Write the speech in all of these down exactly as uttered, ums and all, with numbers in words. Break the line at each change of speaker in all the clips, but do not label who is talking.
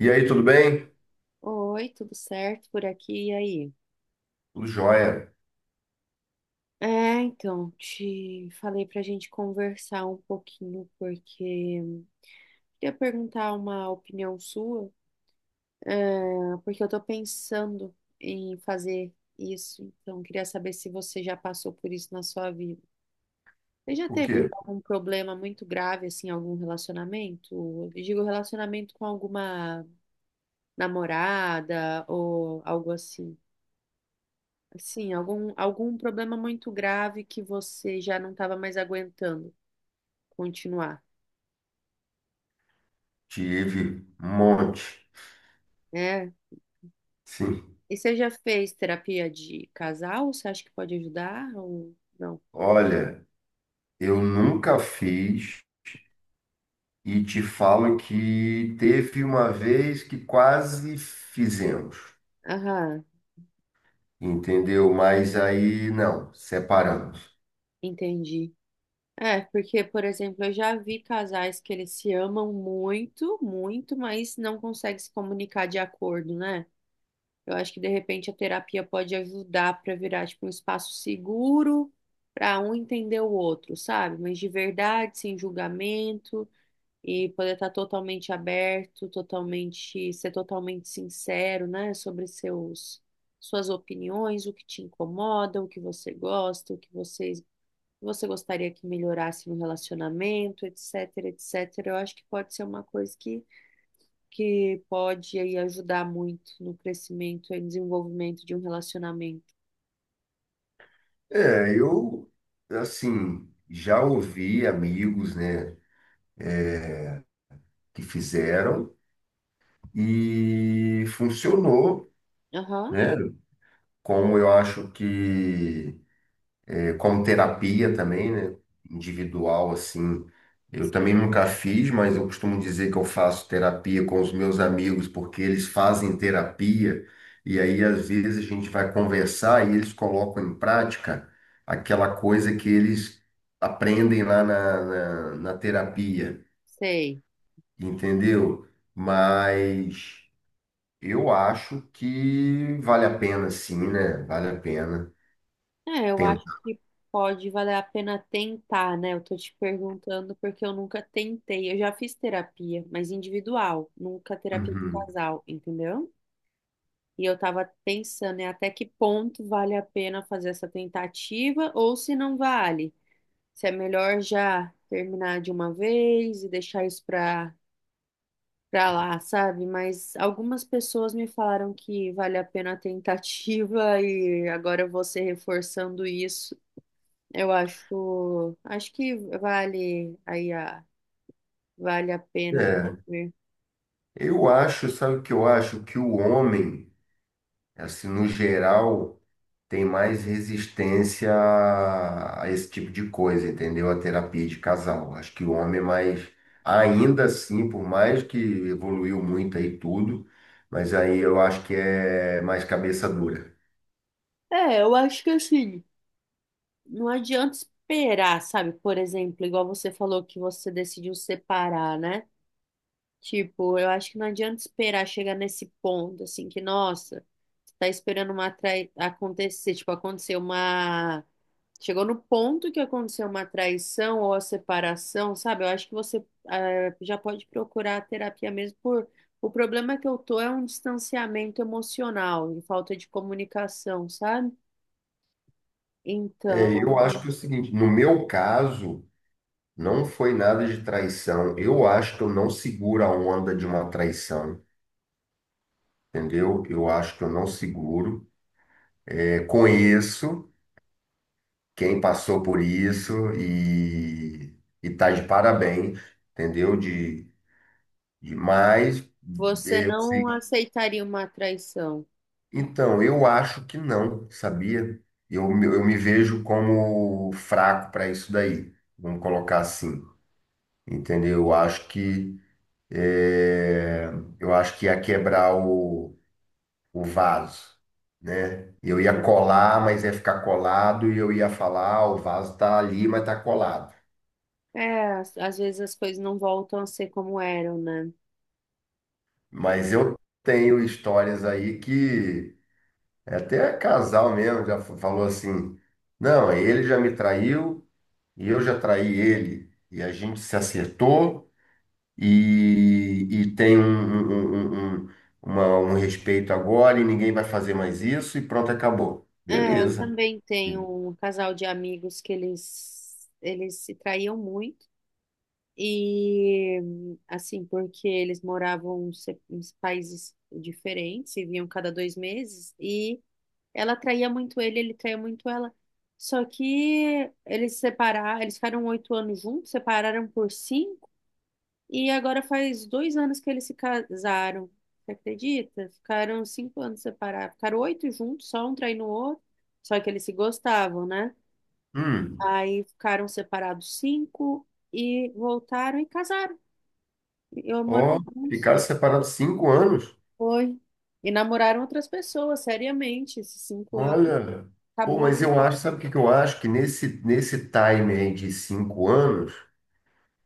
E aí, tudo bem?
Oi, tudo certo por aqui e aí?
Tudo jóia.
É, então, te falei pra gente conversar um pouquinho, porque queria perguntar uma opinião sua, é, porque eu tô pensando em fazer isso, então queria saber se você já passou por isso na sua vida. Você já
O
teve
quê?
algum problema muito grave, assim, em algum relacionamento? Eu digo relacionamento com alguma namorada ou algo assim. Sim, algum, algum problema muito grave que você já não estava mais aguentando continuar,
Tive um monte.
né?
Sim.
E você já fez terapia de casal? Você acha que pode ajudar ou não?
Olha, eu nunca fiz e te falo que teve uma vez que quase fizemos,
Aham,
entendeu? Mas aí não, separamos.
entendi. É, porque, por exemplo, eu já vi casais que eles se amam muito, muito, mas não conseguem se comunicar de acordo, né? Eu acho que de repente a terapia pode ajudar para virar tipo um espaço seguro para um entender o outro, sabe? Mas de verdade, sem julgamento. E poder estar totalmente aberto, totalmente, ser totalmente sincero, né, sobre seus suas opiniões, o que te incomoda, o que você gosta, o que você, você gostaria que melhorasse no relacionamento, etc, etcétera. Eu acho que pode ser uma coisa que, que pode aí ajudar muito no crescimento e desenvolvimento de um relacionamento.
É, eu, assim, já ouvi amigos, né, que fizeram e funcionou,
Aham,
né? Como eu acho que Como terapia também, né? Individual, assim. Eu também nunca fiz, mas eu costumo dizer que eu faço terapia com os meus amigos, porque eles fazem terapia, e aí às vezes a gente vai conversar e eles colocam em prática aquela coisa que eles aprendem lá na, na, na terapia,
sei.
entendeu? Mas eu acho que vale a pena, sim, né? Vale a pena
É, eu acho
tentar.
que pode valer a pena tentar, né? Eu tô te perguntando porque eu nunca tentei. Eu já fiz terapia, mas individual, nunca terapia de
Uhum.
casal, entendeu? E eu tava pensando, né, até que ponto vale a pena fazer essa tentativa ou se não vale. Se é melhor já terminar de uma vez e deixar isso pra, pra lá, sabe? Mas algumas pessoas me falaram que vale a pena a tentativa e agora você reforçando isso. Eu acho, acho que vale aí a, vale a pena,
É.
vamos ver.
Eu acho, sabe o que eu acho? Que o homem, assim, no geral, tem mais resistência a a esse tipo de coisa, entendeu? A terapia de casal. Acho que o homem é mais, ainda assim, por mais que evoluiu muito aí tudo, mas aí eu acho que é mais cabeça dura.
É, eu acho que assim, não adianta esperar, sabe? Por exemplo, igual você falou que você decidiu separar, né? Tipo, eu acho que não adianta esperar chegar nesse ponto, assim, que, nossa, você tá esperando uma trai... acontecer, tipo, aconteceu uma. Chegou no ponto que aconteceu uma traição ou a separação, sabe? Eu acho que você eh, já pode procurar a terapia mesmo por. O problema que eu tô é um distanciamento emocional e falta de comunicação, sabe? Então,
É, eu acho que é o seguinte, no meu caso, não foi nada de traição. Eu acho que eu não seguro a onda de uma traição, entendeu? Eu acho que eu não seguro. É, conheço quem passou por isso e, e tá de parabéns, entendeu? De, de mas
você
eu
não
sei.
aceitaria uma traição.
Então, eu acho que não, sabia? Eu, me- eu me vejo como fraco para isso daí, vamos colocar assim, entendeu? Eu acho que é, eu acho que ia quebrar o, o vaso. Né? Eu ia
Então,
colar, mas ia ficar colado, e eu ia falar, "Ah, o vaso tá ali, mas tá colado."
é, às às vezes as coisas não voltam a ser como eram, né?
Mas eu tenho histórias aí que até casal mesmo já fa- falou assim: não, ele já me traiu e eu já traí ele. E a gente se acertou e, e tem um, um, um, um- um, uma- um respeito agora e ninguém vai fazer mais isso e pronto, acabou.
É, eu
Beleza.
também tenho um casal de amigos que eles, eles se traíam muito. E assim, porque eles moravam se- em países diferentes e vinham cada dois meses, e ela traía muito ele, ele traía muito ela. Só que eles separaram, eles ficaram oito anos juntos, separaram por cinco e agora faz dois anos que eles se casaram. Você acredita? Ficaram cinco anos separados. Ficaram oito juntos, só um traindo o outro. Só que eles se gostavam, né?
Hum,
Aí ficaram separados cinco e voltaram e casaram. E moram
ó,
juntos
ficaram
depois.
separados cinco anos.
Foi. E namoraram outras pessoas, seriamente. Esses cinco anos.
Olha, pô, mas
Acabou.
eu acho, sabe o que que eu acho? Que nesse, nesse time aí de cinco anos.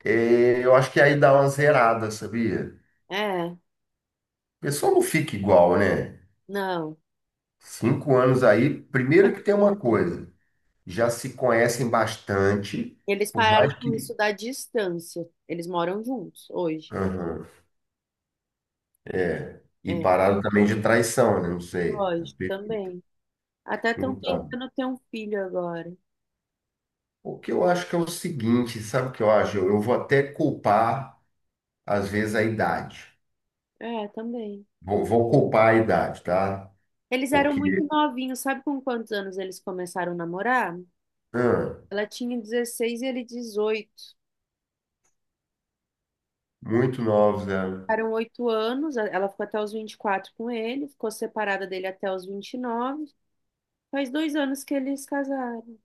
É, eu acho que aí dá uma zerada, sabia?
É,
A pessoa não fica igual, né?
não.
Cinco anos aí, primeiro que tem uma coisa, já se conhecem bastante,
Eles
por
pararam
mais
com
que.
isso da distância. Eles moram juntos hoje.
Aham. E
É,
pararam também de traição, né? Não sei.
lógico, também. Até estão
Então,
tentando ter um filho agora.
o que eu acho que é o seguinte, sabe o que eu acho? Eu, eu vou até culpar, às vezes, a idade.
É, também.
Vou, vou culpar a idade, tá?
Eles eram
Porque,
muito novinhos, sabe com quantos anos eles começaram a namorar?
ah,
Ela tinha dezesseis e ele dezoito.
muito novos, né?
Ficaram oito anos, a- ela ficou até os vinte e quatro com ele, ficou separada dele até os vinte e nove. Faz dois anos que eles casaram.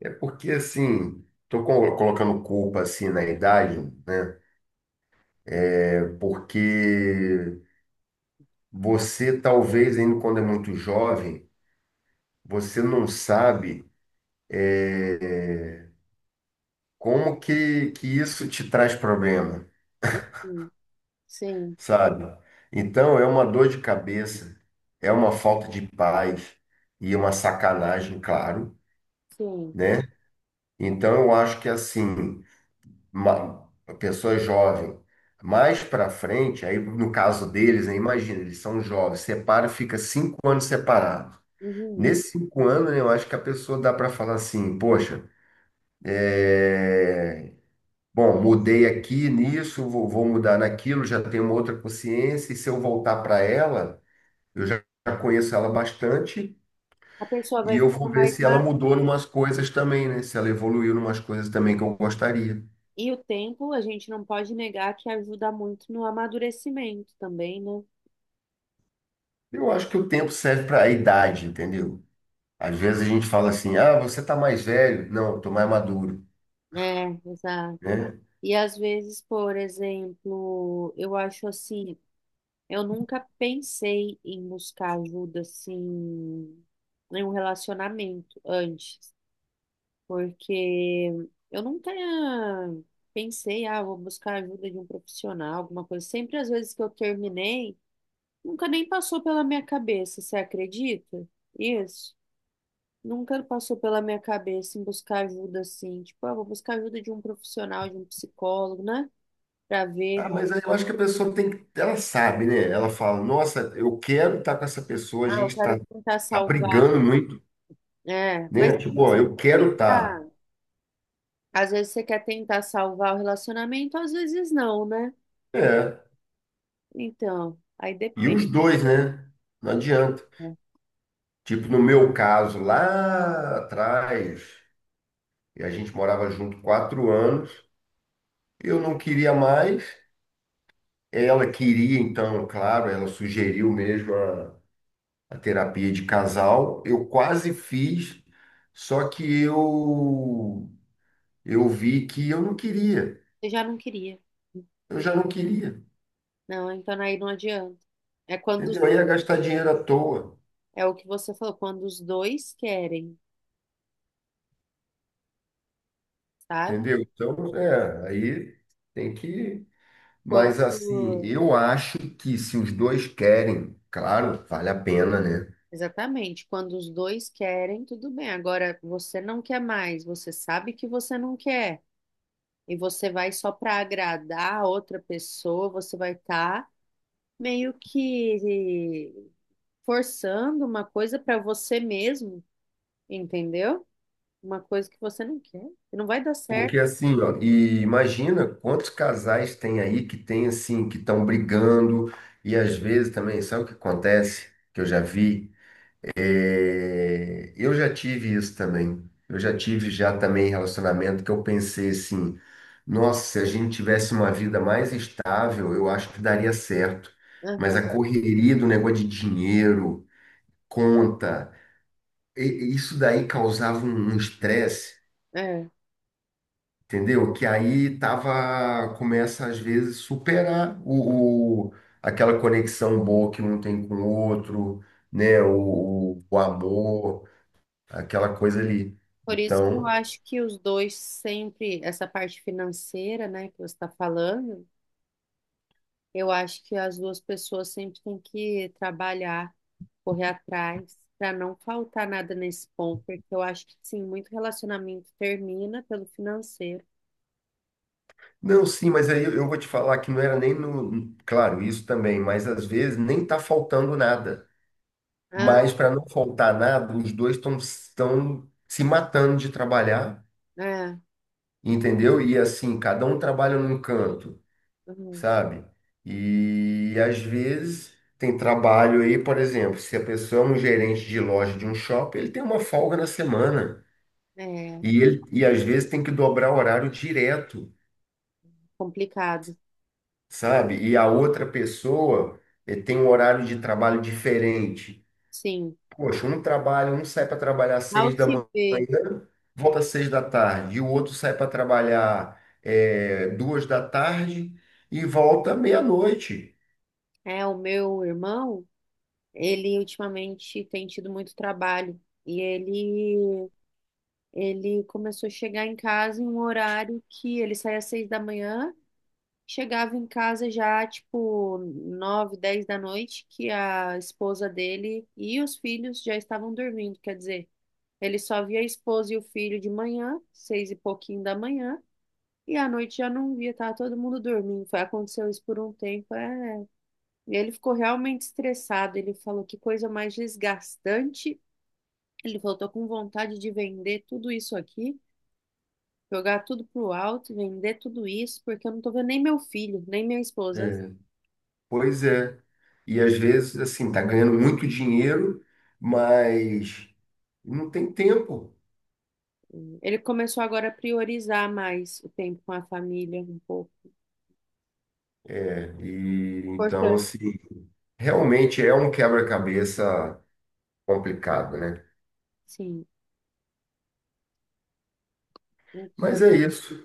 É porque, assim, tô co- colocando culpa, assim, na idade, né? É porque você, talvez, ainda quando é muito jovem, você não sabe como que, que isso te traz problema,
Uhum, Sim,
sabe? Então, é uma dor de cabeça, é uma falta de paz e uma sacanagem, claro,
sim.
né? Então, eu acho que, assim, uma uma pessoa jovem. Mais para frente, aí no caso deles, né, imagina, eles são jovens, separa, fica cinco anos separado.
Uhum.
Nesses cinco anos, né, eu acho que a pessoa dá para falar assim, poxa, é, bom, mudei aqui nisso, vou, vou mudar naquilo, já tenho uma outra consciência, e se eu voltar para ela, eu já já conheço ela bastante,
A pessoa
e
vai
eu vou
ficando
ver
mais
se ela
madura.
mudou em umas coisas também, né? Se ela evoluiu em umas coisas também que eu gostaria.
E o tempo, a gente não pode negar que ajuda muito no amadurecimento também, né?
Eu acho que o tempo serve para a idade, entendeu? Às vezes a gente fala assim, ah, você tá mais velho. Não, eu tô mais maduro,
É, exato.
né?
E às vezes, por exemplo, eu acho assim, eu nunca pensei em buscar ajuda assim em um relacionamento antes, porque eu nunca pensei, ah, vou buscar ajuda de um profissional, alguma coisa. Sempre às vezes que eu terminei, nunca nem passou pela minha cabeça, você acredita? Isso. Nunca passou pela minha cabeça em buscar ajuda assim, tipo, ah, vou buscar ajuda de um profissional, de um psicólogo, né? Pra
Ah,
ver.
mas aí eu acho que a pessoa tem que, ela sabe, né? Ela fala, nossa, eu quero estar com essa pessoa, a
Ah, eu
gente
quero
tá,
tentar
tá
salvar.
brigando muito,
É, mas
né?
às
Tipo,
vezes
ó,
você
eu
quer
quero estar.
tentar. Às vezes você quer tentar salvar o relacionamento, às vezes não, né?
É,
Então, aí
e os
depende.
dois, né? Não adianta.
Né?
Tipo, no meu caso, lá atrás, e a gente morava junto quatro anos, eu não queria mais. Ela queria, então, claro, ela sugeriu mesmo a, a terapia de casal. Eu quase fiz, só que eu eu vi que eu não queria.
Você já não queria.
Eu já não queria,
Não, então aí não adianta. É quando
entendeu?
os-
Aí ia gastar dinheiro à toa,
é o que você falou, quando os dois querem, sabe?
entendeu? Então, é, aí tem que. Mas
Quando
assim, eu acho que se os dois querem, claro, vale a pena, né?
exatamente, quando os dois querem, tudo bem. Agora você não quer mais, você sabe que você não quer. E você vai só para agradar a outra pessoa, você vai estar meio que forçando uma coisa para você mesmo, entendeu? Uma coisa que você não quer, que não vai dar
Porque
certo.
assim, ó, e imagina quantos casais tem aí que tem assim, que estão brigando, e às vezes também, sabe o que acontece? Que eu já vi. É, eu já tive isso também. Eu já tive já também relacionamento que eu pensei assim, nossa, se a gente tivesse uma vida mais estável, eu acho que daria certo. Mas a
Aham,
correria do negócio de dinheiro, conta, e- e isso daí causava um um estresse.
é.
Entendeu? Que aí tava, começa às vezes superar o, o- aquela conexão boa que um tem com o outro, né? O, o, amor, aquela coisa ali.
Por isso que eu
Então,
acho que os dois sempre, essa parte financeira, né, que você está falando, eu acho que as duas pessoas sempre têm que trabalhar, correr atrás, para não faltar nada nesse ponto, porque eu acho que sim, muito relacionamento termina pelo financeiro.
não, sim, mas aí eu vou te falar que não era nem no, claro, isso também, mas às vezes nem tá faltando nada.
Ah,
Mas para não faltar nada, os dois estão estão se matando de trabalhar,
é,
entendeu? E assim, cada um trabalha num canto.
uhum,
Sabe? E às vezes tem trabalho aí, por exemplo, se a pessoa é um gerente de loja de um shopping, ele tem uma folga na semana
é
e ele e às vezes tem que dobrar o horário direto,
complicado.
sabe? E a outra pessoa eh, tem um horário de trabalho diferente.
Sim.
Poxa, um trabalha, um sai para trabalhar às
Ao
seis da
se
manhã,
ver,
volta às seis da tarde, e o outro sai para trabalhar eh, duas da tarde e volta meia-noite.
é, o meu irmão, ele ultimamente tem tido muito trabalho. E ele, ele começou a chegar em casa em um horário que ele saía às seis da manhã, chegava em casa já, tipo, nove, dez da noite, que a esposa dele e os filhos já estavam dormindo. Quer dizer, ele só via a esposa e o filho de manhã, seis e pouquinho da manhã, e à noite já não via, tava todo mundo dormindo. Foi, aconteceu isso por um tempo, é. E ele ficou realmente estressado. Ele falou que coisa mais desgastante. Ele falou: tô com vontade de vender tudo isso aqui, jogar tudo pro alto, vender tudo isso, porque eu não tô vendo nem meu filho, nem minha esposa.
Né? Pois é. E às vezes, assim, tá ganhando muito dinheiro, mas não tem tempo.
Ele começou agora a priorizar mais o tempo com a família, um pouco.
É, e então,
Importante.
assim, realmente é um quebra-cabeça complicado, né?
Sim. Então,
Mas é isso.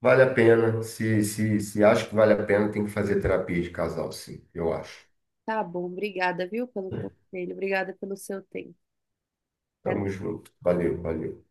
Vale a pena. Se, se, se acha que vale a pena, tem que fazer terapia de casal, sim, eu acho.
tá bom. Obrigada, viu, pelo conselho. Obrigada pelo seu tempo. Até
Tamo junto. Valeu, valeu.